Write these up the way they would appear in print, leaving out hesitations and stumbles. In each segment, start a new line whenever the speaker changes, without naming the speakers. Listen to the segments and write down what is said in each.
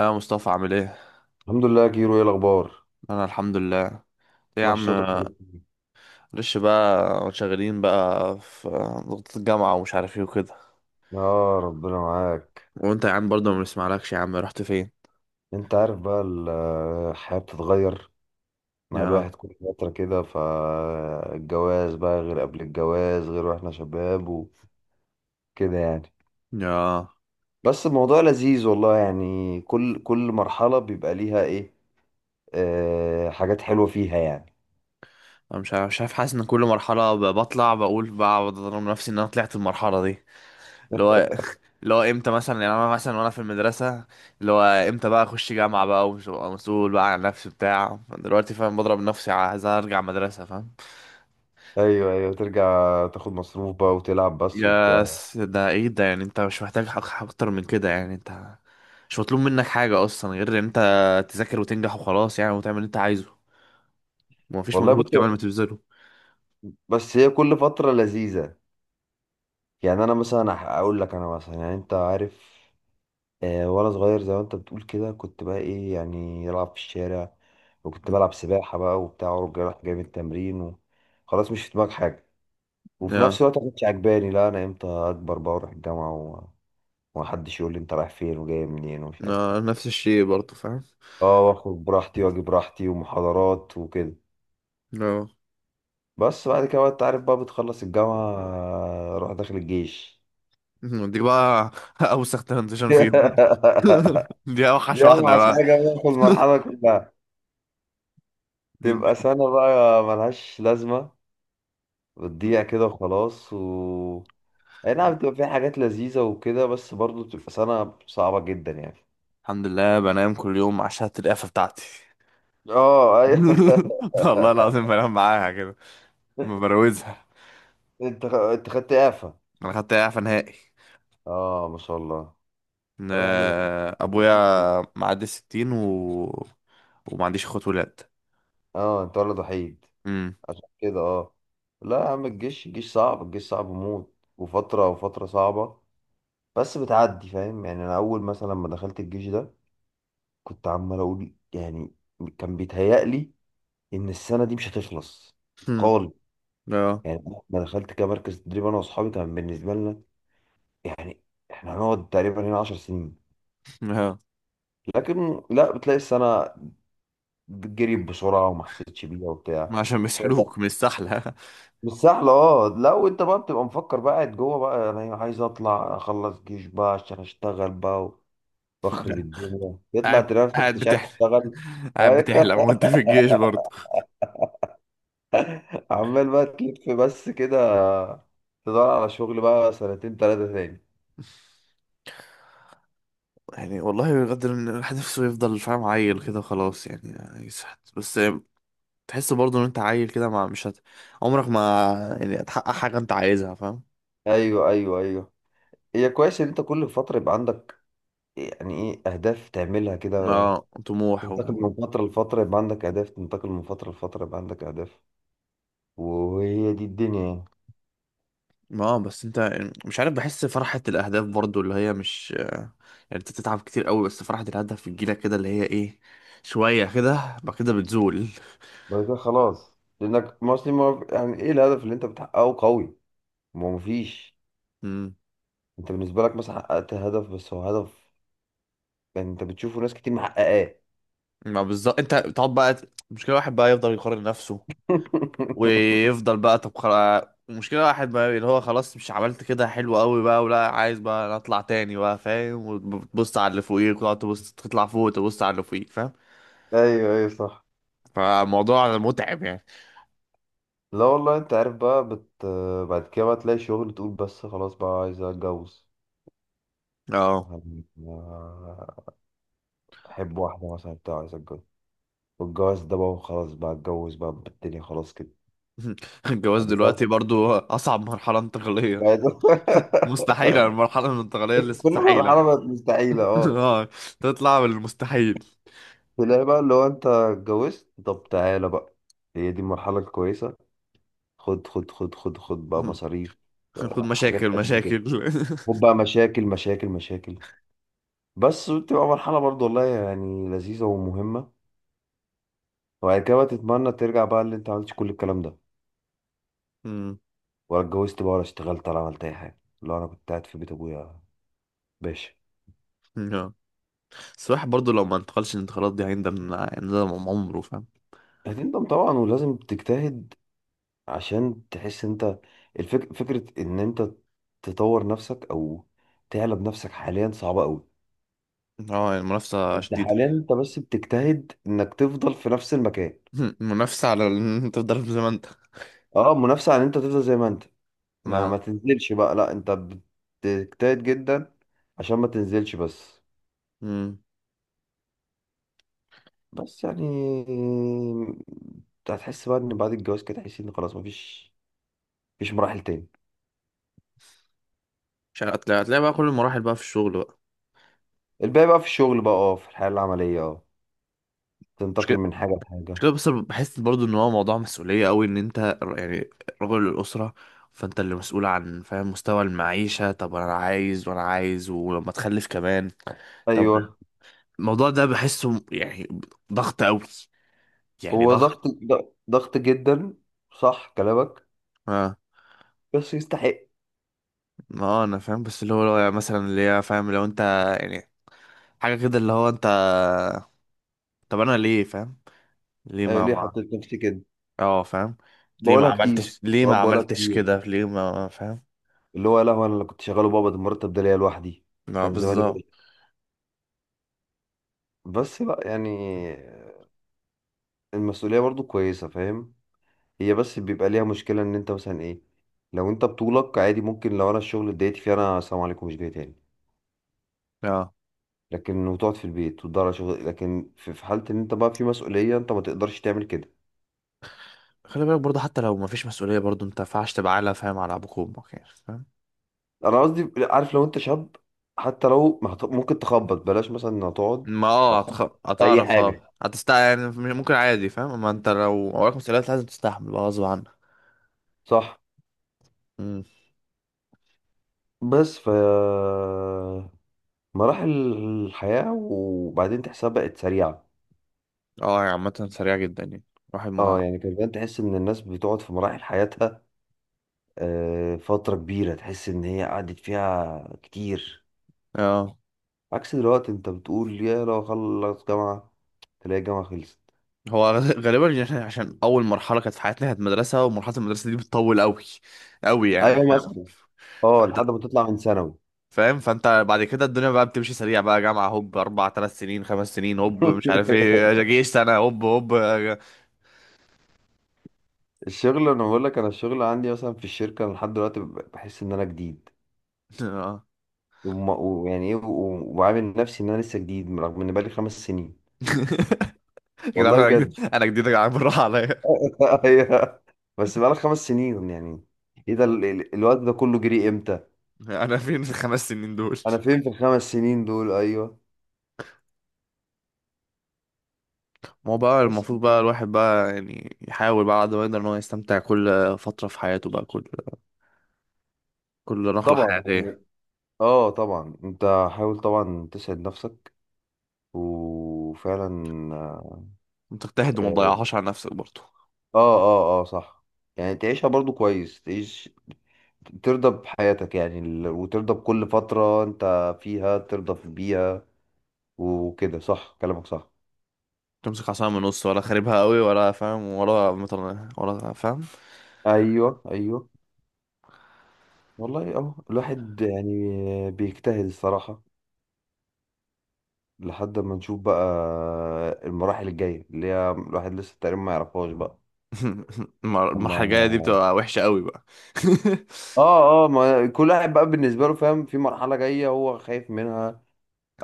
اه مصطفى، عامل ايه؟
الحمد لله يا كيرو، ايه الاخبار؟
انا الحمد لله. ايه يا
مش
عم؟
صوتك من الاتنين.
معلش بقى، شغالين بقى في ضغط الجامعه ومش عارف ايه وكده.
يا ربنا معاك.
وانت يا عم برضه ما بنسمعلكش، يا عم رحت فين؟
انت عارف بقى الحياة بتتغير مع
يا
الواحد كل فترة كده، فالجواز بقى غير، قبل الجواز غير، واحنا شباب وكده يعني.
يا
بس الموضوع لذيذ والله، يعني كل مرحلة بيبقى ليها ايه، آه، حاجات حلوة فيها يعني.
انا مش عارف، حاسس ان كل مرحله بطلع بقول، بقعد اضرب نفسي ان انا طلعت المرحله دي. اللي هو اللي هو امتى مثلا يعني، انا مثلا وانا في المدرسه اللي هو امتى بقى اخش جامعه بقى ومسؤول بقى عن نفسي بتاع دلوقتي، فاهم؟ بضرب نفسي عايز ارجع مدرسه، فاهم؟
ايوه ايوه، ترجع تاخد مصروف بقى وتلعب بس وبتاع.
ده ايه ده يعني؟ انت مش محتاج حق اكتر من كده يعني، انت مش مطلوب منك حاجة اصلا غير ان انت تذاكر وتنجح وخلاص يعني، وتعمل اللي انت عايزه ومفيش
والله
مجهود كمان
بص،
ما تبذله.
بس هي كل فترة لذيذة. يعني انا مثلا اقول لك، انا مثلا يعني انت عارف، آه، وانا صغير زي ما انت بتقول كده، كنت بقى ايه، يعني العب في الشارع، وكنت بلعب سباحه بقى وبتاع، ورجع رايح جاي من التمرين و... خلاص مش في دماغك حاجه. وفي
يا
نفس الوقت ما كنتش عجباني، لا انا امتى اكبر بقى واروح الجامعه و... ومحدش يقول لي انت رايح فين وجاي منين ومش عارف ايه.
يا نفس الشيء برضه، فاهم.
اه، واخد براحتي واجي براحتي ومحاضرات وكده.
اه،
بس بعد كده بقى انت عارف بقى بتخلص الجامعه، آه، روح داخل الجيش.
دي بقى اوسخ ترانزيشن فيهم. دي اوحش
دي
واحدة
اوحش
بقى.
حاجه بقى في المرحله كلها. تبقى
يمكن.
سنه بقى ملهاش لازمه، بتضيع كده وخلاص. و اي نعم بتبقى فيها حاجات لذيذة وكده، بس برضه بتبقى سنة صعبة جدا يعني.
الحمد لله بنام كل يوم عشان القفة بتاعتي.
اه ايوه.
والله العظيم بنام معاها كده، ما بروزها.
انت خدت اعفاء؟
انا خدت اعفاء نهائي.
اه ما شاء الله.
إن
طب يا عم ده، ده أنت
ابويا
دخلت
معدي الستين و... وما عنديش اخوات ولاد.
اه انت ولد وحيد،
امم.
عشان كده اه. لا يا عم، الجيش صعب، الجيش صعب موت، وفترة، وفترة صعبة، بس بتعدي، فاهم؟ يعني انا اول مثلا لما دخلت الجيش ده، كنت عمال اقول يعني، كان بيتهيألي ان السنة دي مش هتخلص
هم. اه.
يعني. ما دخلت كمركز تدريب انا واصحابي، كان بالنسبه لنا يعني احنا هنقعد تقريبا هنا 10 سنين.
اه،
لكن لا، بتلاقي السنه جريت بسرعه، وما حسيتش بيها وبتاع.
ما عشان
طب
بيسحلوك من السحلة.
مش سهله، اه. لا وانت بقى بتبقى مفكر بقى قاعد جوه بقى، انا عايز اطلع اخلص جيش بقى عشان اشتغل بقى واخرب الدنيا، يطلع
قاعد
تلاقي نفسك
قاعد
مش عارف
بتحلم
تشتغل.
قاعد بتحلم وانت في الجيش برضه.
عمال بقى تلف بس كده، تدور على شغل بقى سنتين ثلاثه تاني.
يعني والله بجد إن الواحد نفسه يفضل، فاهم، عيل كده خلاص يعني يسحت بس. تحس برضه ان انت عيل كده، ما مش عمرك ما يعني هتحقق حاجة انت عايزها، فاهم.
ايوه ايوه ايوه. هي كويس ان انت كل فترة يبقى عندك يعني ايه، اهداف تعملها كده،
ما طموح
تنتقل
و...
من فترة لفترة يبقى عندك اهداف، تنتقل من فترة لفترة يبقى عندك اهداف، وهي دي الدنيا يعني.
اه بس انت، مش عارف، بحس فرحة الأهداف برضو اللي هي مش يعني، انت بتتعب كتير قوي بس فرحة الهدف بتجيلك كده اللي هي ايه، شوية كده بعد كده بتزول.
بعد كده خلاص، لانك مصري، ما يعني ايه الهدف اللي انت بتحققه قوي، ما هو مفيش.
امم.
انت بالنسبة لك مثلا حققت هدف، بس هو هدف يعني انت بتشوفه ناس كتير محققاه.
ما بالظبط، انت بتقعد بقى مشكلة واحد بقى يفضل يقارن نفسه، ويفضل بقى، طب خلاص، مشكلة واحد بقى اللي هو خلاص، مش عملت كده حلو قوي بقى ولا عايز بقى نطلع تاني بقى، فاهم، وتبص على اللي فوقيك وتقعد تبص تطلع فوق وتبص على اللي فوقيك، فاهم.
ايوه ايوه صح.
فالموضوع متعب يعني.
لا والله انت عارف بقى بعد كده بقى تلاقي شغل، تقول بس خلاص بقى عايز اتجوز
اه.
يعني، احب واحده مثلا بتاع، عايز اتجوز، والجواز ده بقى خلاص بقى، اتجوز بقى، بالدنيا خلاص كده.
الجواز
بعد كده،
دلوقتي برضو أصعب مرحلة انتقالية.
بعد
مستحيلة، المرحلة الانتقالية اللي
كل
مستحيلة.
مرحله بقت مستحيله اه.
اه، تطلع من المستحيل.
تلاقي بقى اللي هو انت اتجوزت، طب تعالى بقى، هي دي المرحله الكويسه، خد خد خد خد خد بقى مصاريف،
خد مشاكل
حاجات قد كده،
مشاكل.
خد بقى مشاكل مشاكل مشاكل. بس بتبقى مرحله برضو والله، يعني لذيذه ومهمه. وبعد كده بقى تتمنى ترجع بقى، اللي انت عملتش كل الكلام ده،
مم.
ولا اتجوزت بقى، ولا اشتغلت، ولا عملت اي حاجه، لا انا كنت قاعد في بيت ابويا، ماشي.
آه. بس الواحد برضو لو ما انتقلش الانتقالات دي هيندم، هيندم عمره، فاهم.
هتندم طبعا، ولازم تجتهد عشان تحس انت. فكرة ان انت تطور نفسك او تعلى بنفسك حاليا صعبة قوي.
اه يعني المنافسة
انت
شديدة.
حاليا انت بس بتجتهد انك تفضل في نفس المكان.
المنافسة على إن انت تفضل زي ما انت.
اه منافسة عن انت تفضل زي ما انت، ما
آه.
تنزلش بقى، لا انت بتجتهد جدا عشان ما تنزلش بس.
مم.
بس يعني انت هتحس بقى ان بعد الجواز كده تحس ان خلاص مفيش، مفيش مراحل تاني.
مش عارف، هتلاقي، هتلاقي بقى كل المراحل بقى في الشغل بقى.
الباقي بقى في الشغل بقى، اه، في الحياة العملية، اه، تنتقل من حاجة
مش
لحاجة.
كده بس، أنا بحس برضو ان هو موضوع مسؤولية قوي، ان انت يعني رجل الأسرة. فانت اللي مسؤول عن، فاهم، مستوى المعيشة، طب انا عايز وانا عايز ولما تخلف كمان. طب
أيوه.
الموضوع ده بحسه يعني ضغط قوي، يعني
هو
ضغط.
ضغط، ضغط جدا، صح كلامك،
اه.
بس يستحق.
ما هو انا فاهم، بس اللي هو لو يعني مثلا اللي هي، فاهم، لو انت يعني حاجة كده اللي هو انت، طب انا ليه، فاهم، ليه
آه،
ما
ليه
ما
حطيت نفسي كده،
اه فاهم، ليه ما
بقولها كتير.
عملتش، ليه ما
ساعات بقولها
عملتش
كتير،
كده، ليه ما، فاهم.
اللي هو لا هو أنا اللي كنت شغاله، بابا ده المرتب ده ليا لوحدي،
لا
كان زماني
بالظبط.
بقى. بس بقى يعني المسؤولية برضو كويسة، فاهم؟ هي بس بيبقى ليها مشكلة، إن أنت مثلا إيه، لو أنت بطولك عادي ممكن، لو أنا الشغل اتضايقت فيه أنا السلام عليكم، مش جاي تاني،
اه
لكن وتقعد في البيت وتدور على شغل. لكن في في حالة إن أنت بقى في مسؤولية، أنت ما تقدرش تعمل كده.
خلي بالك برضه، حتى لو مفيش مسؤولية برضه انت مينفعش تبقى عالة، فاهم، على ابوك وامك يعني، فاهم.
انا قصدي عارف، لو انت شاب، حتى لو ما هت- ممكن تخبط بلاش مثلا، هتقعد
ما اه
هتخبط في اي
هتعرف،
حاجه.
اه هتستع يعني. ممكن عادي، فاهم، اما انت لو وراك مسؤوليات لازم تستحمل بقى غصب عنك.
صح.
مم.
بس مراحل الحياه، وبعدين تحسها بقت سريعه.
اه، هي عامة سريعة جدا يعني، الواحد ما،
اه يعني كان زمان تحس ان الناس بتقعد في مراحل حياتها، آه، فتره كبيره، تحس ان هي قعدت فيها كتير.
اه
عكس دلوقتي، انت بتقول يا لو خلص جامعه، تلاقي الجامعه خلصت.
هو غالبا، يعني عشان عشان اول مرحلة كانت في حياتنا كانت مدرسة، ومرحلة المدرسة دي بتطول قوي قوي يعني،
ايوه
فاهم،
مثلا، اه،
فانت،
لحد ما تطلع من ثانوي.
فاهم، فانت بعد كده الدنيا بقى بتمشي سريع بقى، جامعة هوب، اربع ثلاث سنين خمس سنين هوب، مش عارف ايه، جيش سنة هوب هوب.
الشغل، انا بقول لك انا الشغل عندي مثلا في الشركه، أنا لحد دلوقتي بحس ان انا جديد،
اه.
ويعني ايه وعامل نفسي ان انا لسه جديد، رغم ان بقالي خمس سنين.
يا جدعان
والله
انا
بجد.
جديد، انا جديد يا جدعان، بالراحه عليا.
أيوه. بس بقالي خمس سنين يعني، ايه ده الوقت ده كله جري امتى؟
انا فين في الخمس سنين دول؟
انا فين في الخمس سنين دول؟ ايوه.
ما هو بقى،
بس
المفروض بقى الواحد بقى يعني يحاول بقى على قد ما يقدر ان هو يستمتع كل فتره في حياته بقى، كل كل نقله
طبعا
حياتيه،
يعني، اه طبعا انت حاول طبعا تسعد نفسك، وفعلا،
وتجتهد وما
اه
تضيعهاش على نفسك برضه.
اه اه آه، صح. يعني تعيشها برضو كويس، تعيش ترضى بحياتك، يعني وترضى بكل فترة انت فيها، ترضى في بيها وكده. صح كلامك صح.
تمسك عصايه من النص، ولا خاربها قوي، ولا فاهم، ولا مطلع ولا فاهم.
ايوه ايوه. والله اه الواحد يعني بيجتهد الصراحة، لحد ما نشوف بقى المراحل الجاية، اللي هي الواحد لسه تقريبا ما يعرفهاش بقى. اما،
المرحله الجايه دي بتبقى وحشه قوي بقى.
اه ما كل واحد بقى بالنسبة له فاهم، في مرحلة جاية هو خايف منها،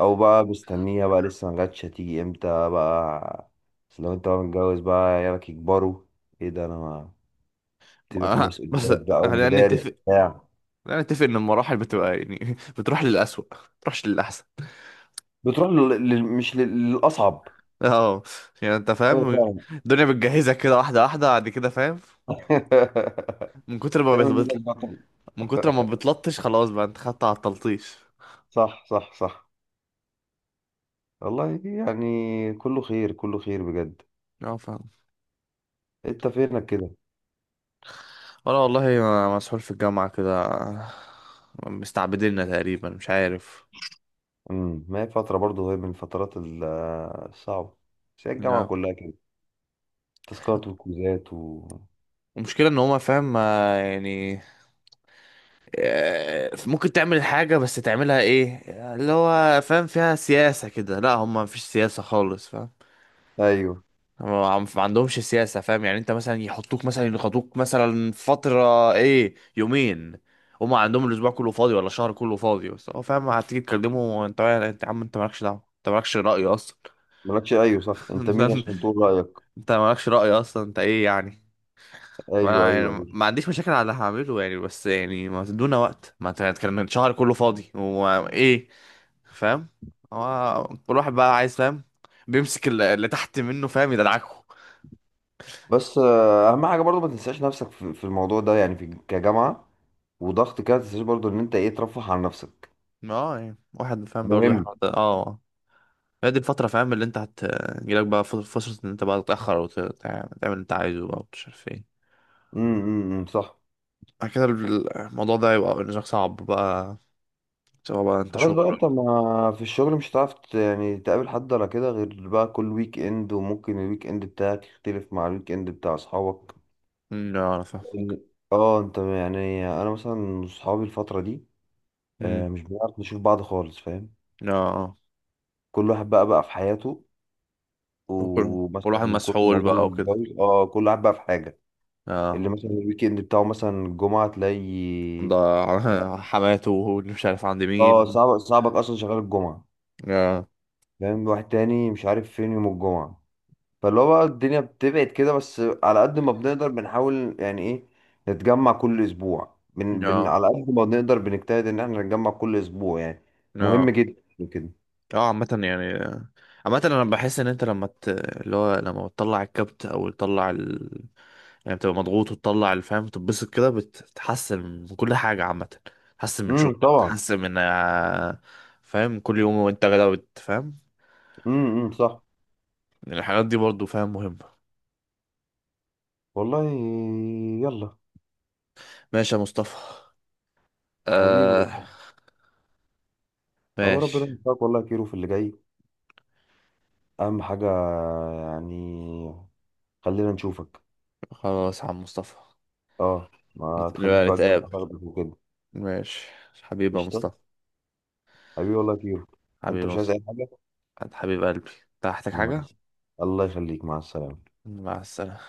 او بقى مستنيها بقى لسه ما جاتش، هتيجي امتى بقى. بس لو انت بقى متجوز بقى، عيالك يكبروا، ايه ده، انا تبقى في
بس
مسؤوليات بقى
خلينا
ومدارس
نتفق،
بتاع
خلينا نتفق ان المراحل بتبقى يعني بتروح للأسوأ، ما بتروحش للأحسن.
بتروح لل... لل- مش لل- للأصعب.
اه يعني انت
أيوة
فاهم،
فعلا.
الدنيا بتجهزك كده واحدة واحدة بعد كده، فاهم. من كتر ما بت...
تعمل
بت-
منك بطل.
من كتر ما بتلطش، خلاص بقى انت خدت على التلطيش.
صح. والله يعني كله خير، كله خير بجد.
اه، فاهم.
أنت فينك كده؟
انا والله مسحول في الجامعة كده، مستعبديننا تقريبا مش عارف.
ما هي فترة برضه، هي من الفترات الصعبة، بس هي الجامعة
لا.
كلها كده، تاسكات وكوزات و
المشكلة ان هما، فاهم، ما يعني، آه، ممكن تعمل حاجة بس تعملها ايه اللي هو فاهم فيها سياسة كده، لا هما مفيش سياسة خالص.
أيوه.
ما عندهمش سياسة، فاهم. يعني انت مثلا يحطوك مثلا يخطوك مثلا فترة ايه يومين، هما عندهم الاسبوع كله فاضي ولا الشهر كله فاضي، بس هو، فاهم، هتيجي تكلمه انت، يا انت يا عم، انت مالكش دعوة، انت مالكش رأي اصلا.
مالكش، أيوه صح، أنت
انت،
مين عشان تقول رأيك؟
انت مالكش رأي اصلا، انت ايه يعني؟
أيوه أيوه
انا يعني
أيوه
ما عنديش مشاكل على اللي هعمله يعني، بس يعني ما تدونا وقت، ما انت هتكلم الشهر كله فاضي وايه، فاهم. هو كل واحد بقى عايز، فاهم، بيمسك اللي تحت منه، فاهم، يدلعكه.
بس آه، أهم حاجة برضه ما تنساش نفسك في في الموضوع ده، يعني في كجامعة وضغط كده، ما تنساش برضه إن أنت إيه، ترفه عن نفسك.
اه يعني واحد فاهم برضه
مهم.
اه، هي دي الفترة، فاهم، اللي انت هتجيلك بقى فرصة ان انت بقى تتأخر وتعمل اللي انت عايزه بقى، ومش عارف ايه.
امم، صح.
بعد كده الموضوع ده يبقى بالنسبة لك صعب بقى، سواء بقى انت
خلاص
شغل
بقى
ولا.
انت، ما في الشغل مش هتعرف يعني تقابل حد ولا كده، غير بقى كل ويك اند، وممكن الويك اند بتاعك يختلف مع الويك اند بتاع اصحابك.
أمم، لا انا فاهم.
لأن- اه انت يعني، انا مثلا اصحابي الفترة دي،
أمم،
آه، مش بنعرف نشوف بعض خالص، فاهم؟
لا. اه
كل واحد بقى في حياته،
وكل- والواحد
ومثلا كل
مسحول بقى
معظمنا
وكده.
اتجوز، اه كل واحد بقى في حاجة. اللي
اه
مثلا الويك اند بتاعه مثلا الجمعة تلاقي،
ده حماته واللي مش عارف عند
اه
مين.
صعب، صعبك اصلا شغال الجمعة.
اه.
فاهم؟ واحد تاني مش عارف فين يوم الجمعة. فاللي هو بقى الدنيا بتبعد كده، بس على قد ما بنقدر بنحاول يعني ايه، نتجمع كل اسبوع، بن بن
اه.
على قد ما بنقدر بنجتهد ان احنا نتجمع كل اسبوع يعني. مهم
اه.
جدا يعني كده.
اه، عامة يعني، عامة انا بحس ان انت لما ت... اللي هو لما بتطلع الكبت او تطلع ال... يعني بتبقى مضغوط وتطلع الفهم، تتبسط كده، بتتحسن من كل حاجة عامة، تحسن من شغلك،
طبعا.
تحسن من آه، فاهم، كل يوم وانت غدا بتفهم.
امم، صح.
الحاجات دي برضو، فاهم، مهمة.
والله، يلا،
ماشي يا مصطفى.
حبيبي
آه.
والله. هو ربنا
ماشي.
يوفقك والله يا كيرو في اللي جاي، اهم حاجة يعني، خلينا نشوفك.
خلاص يا عم مصطفى.
اه، ما تخليش
نبقى
بقى الجامعة
نتقابل.
تاخدك وكده.
ماشي. حبيبي يا
قشطة،
مصطفى.
حبيبي والله يا كيرو.
حبيبي
انت
يا
مش عايز
مصطفى.
اي حاجة؟
حبيب قلبي، أنت محتاج
مع
حاجة؟
الس- الله يخليك، مع السلامة.
مع السلامة.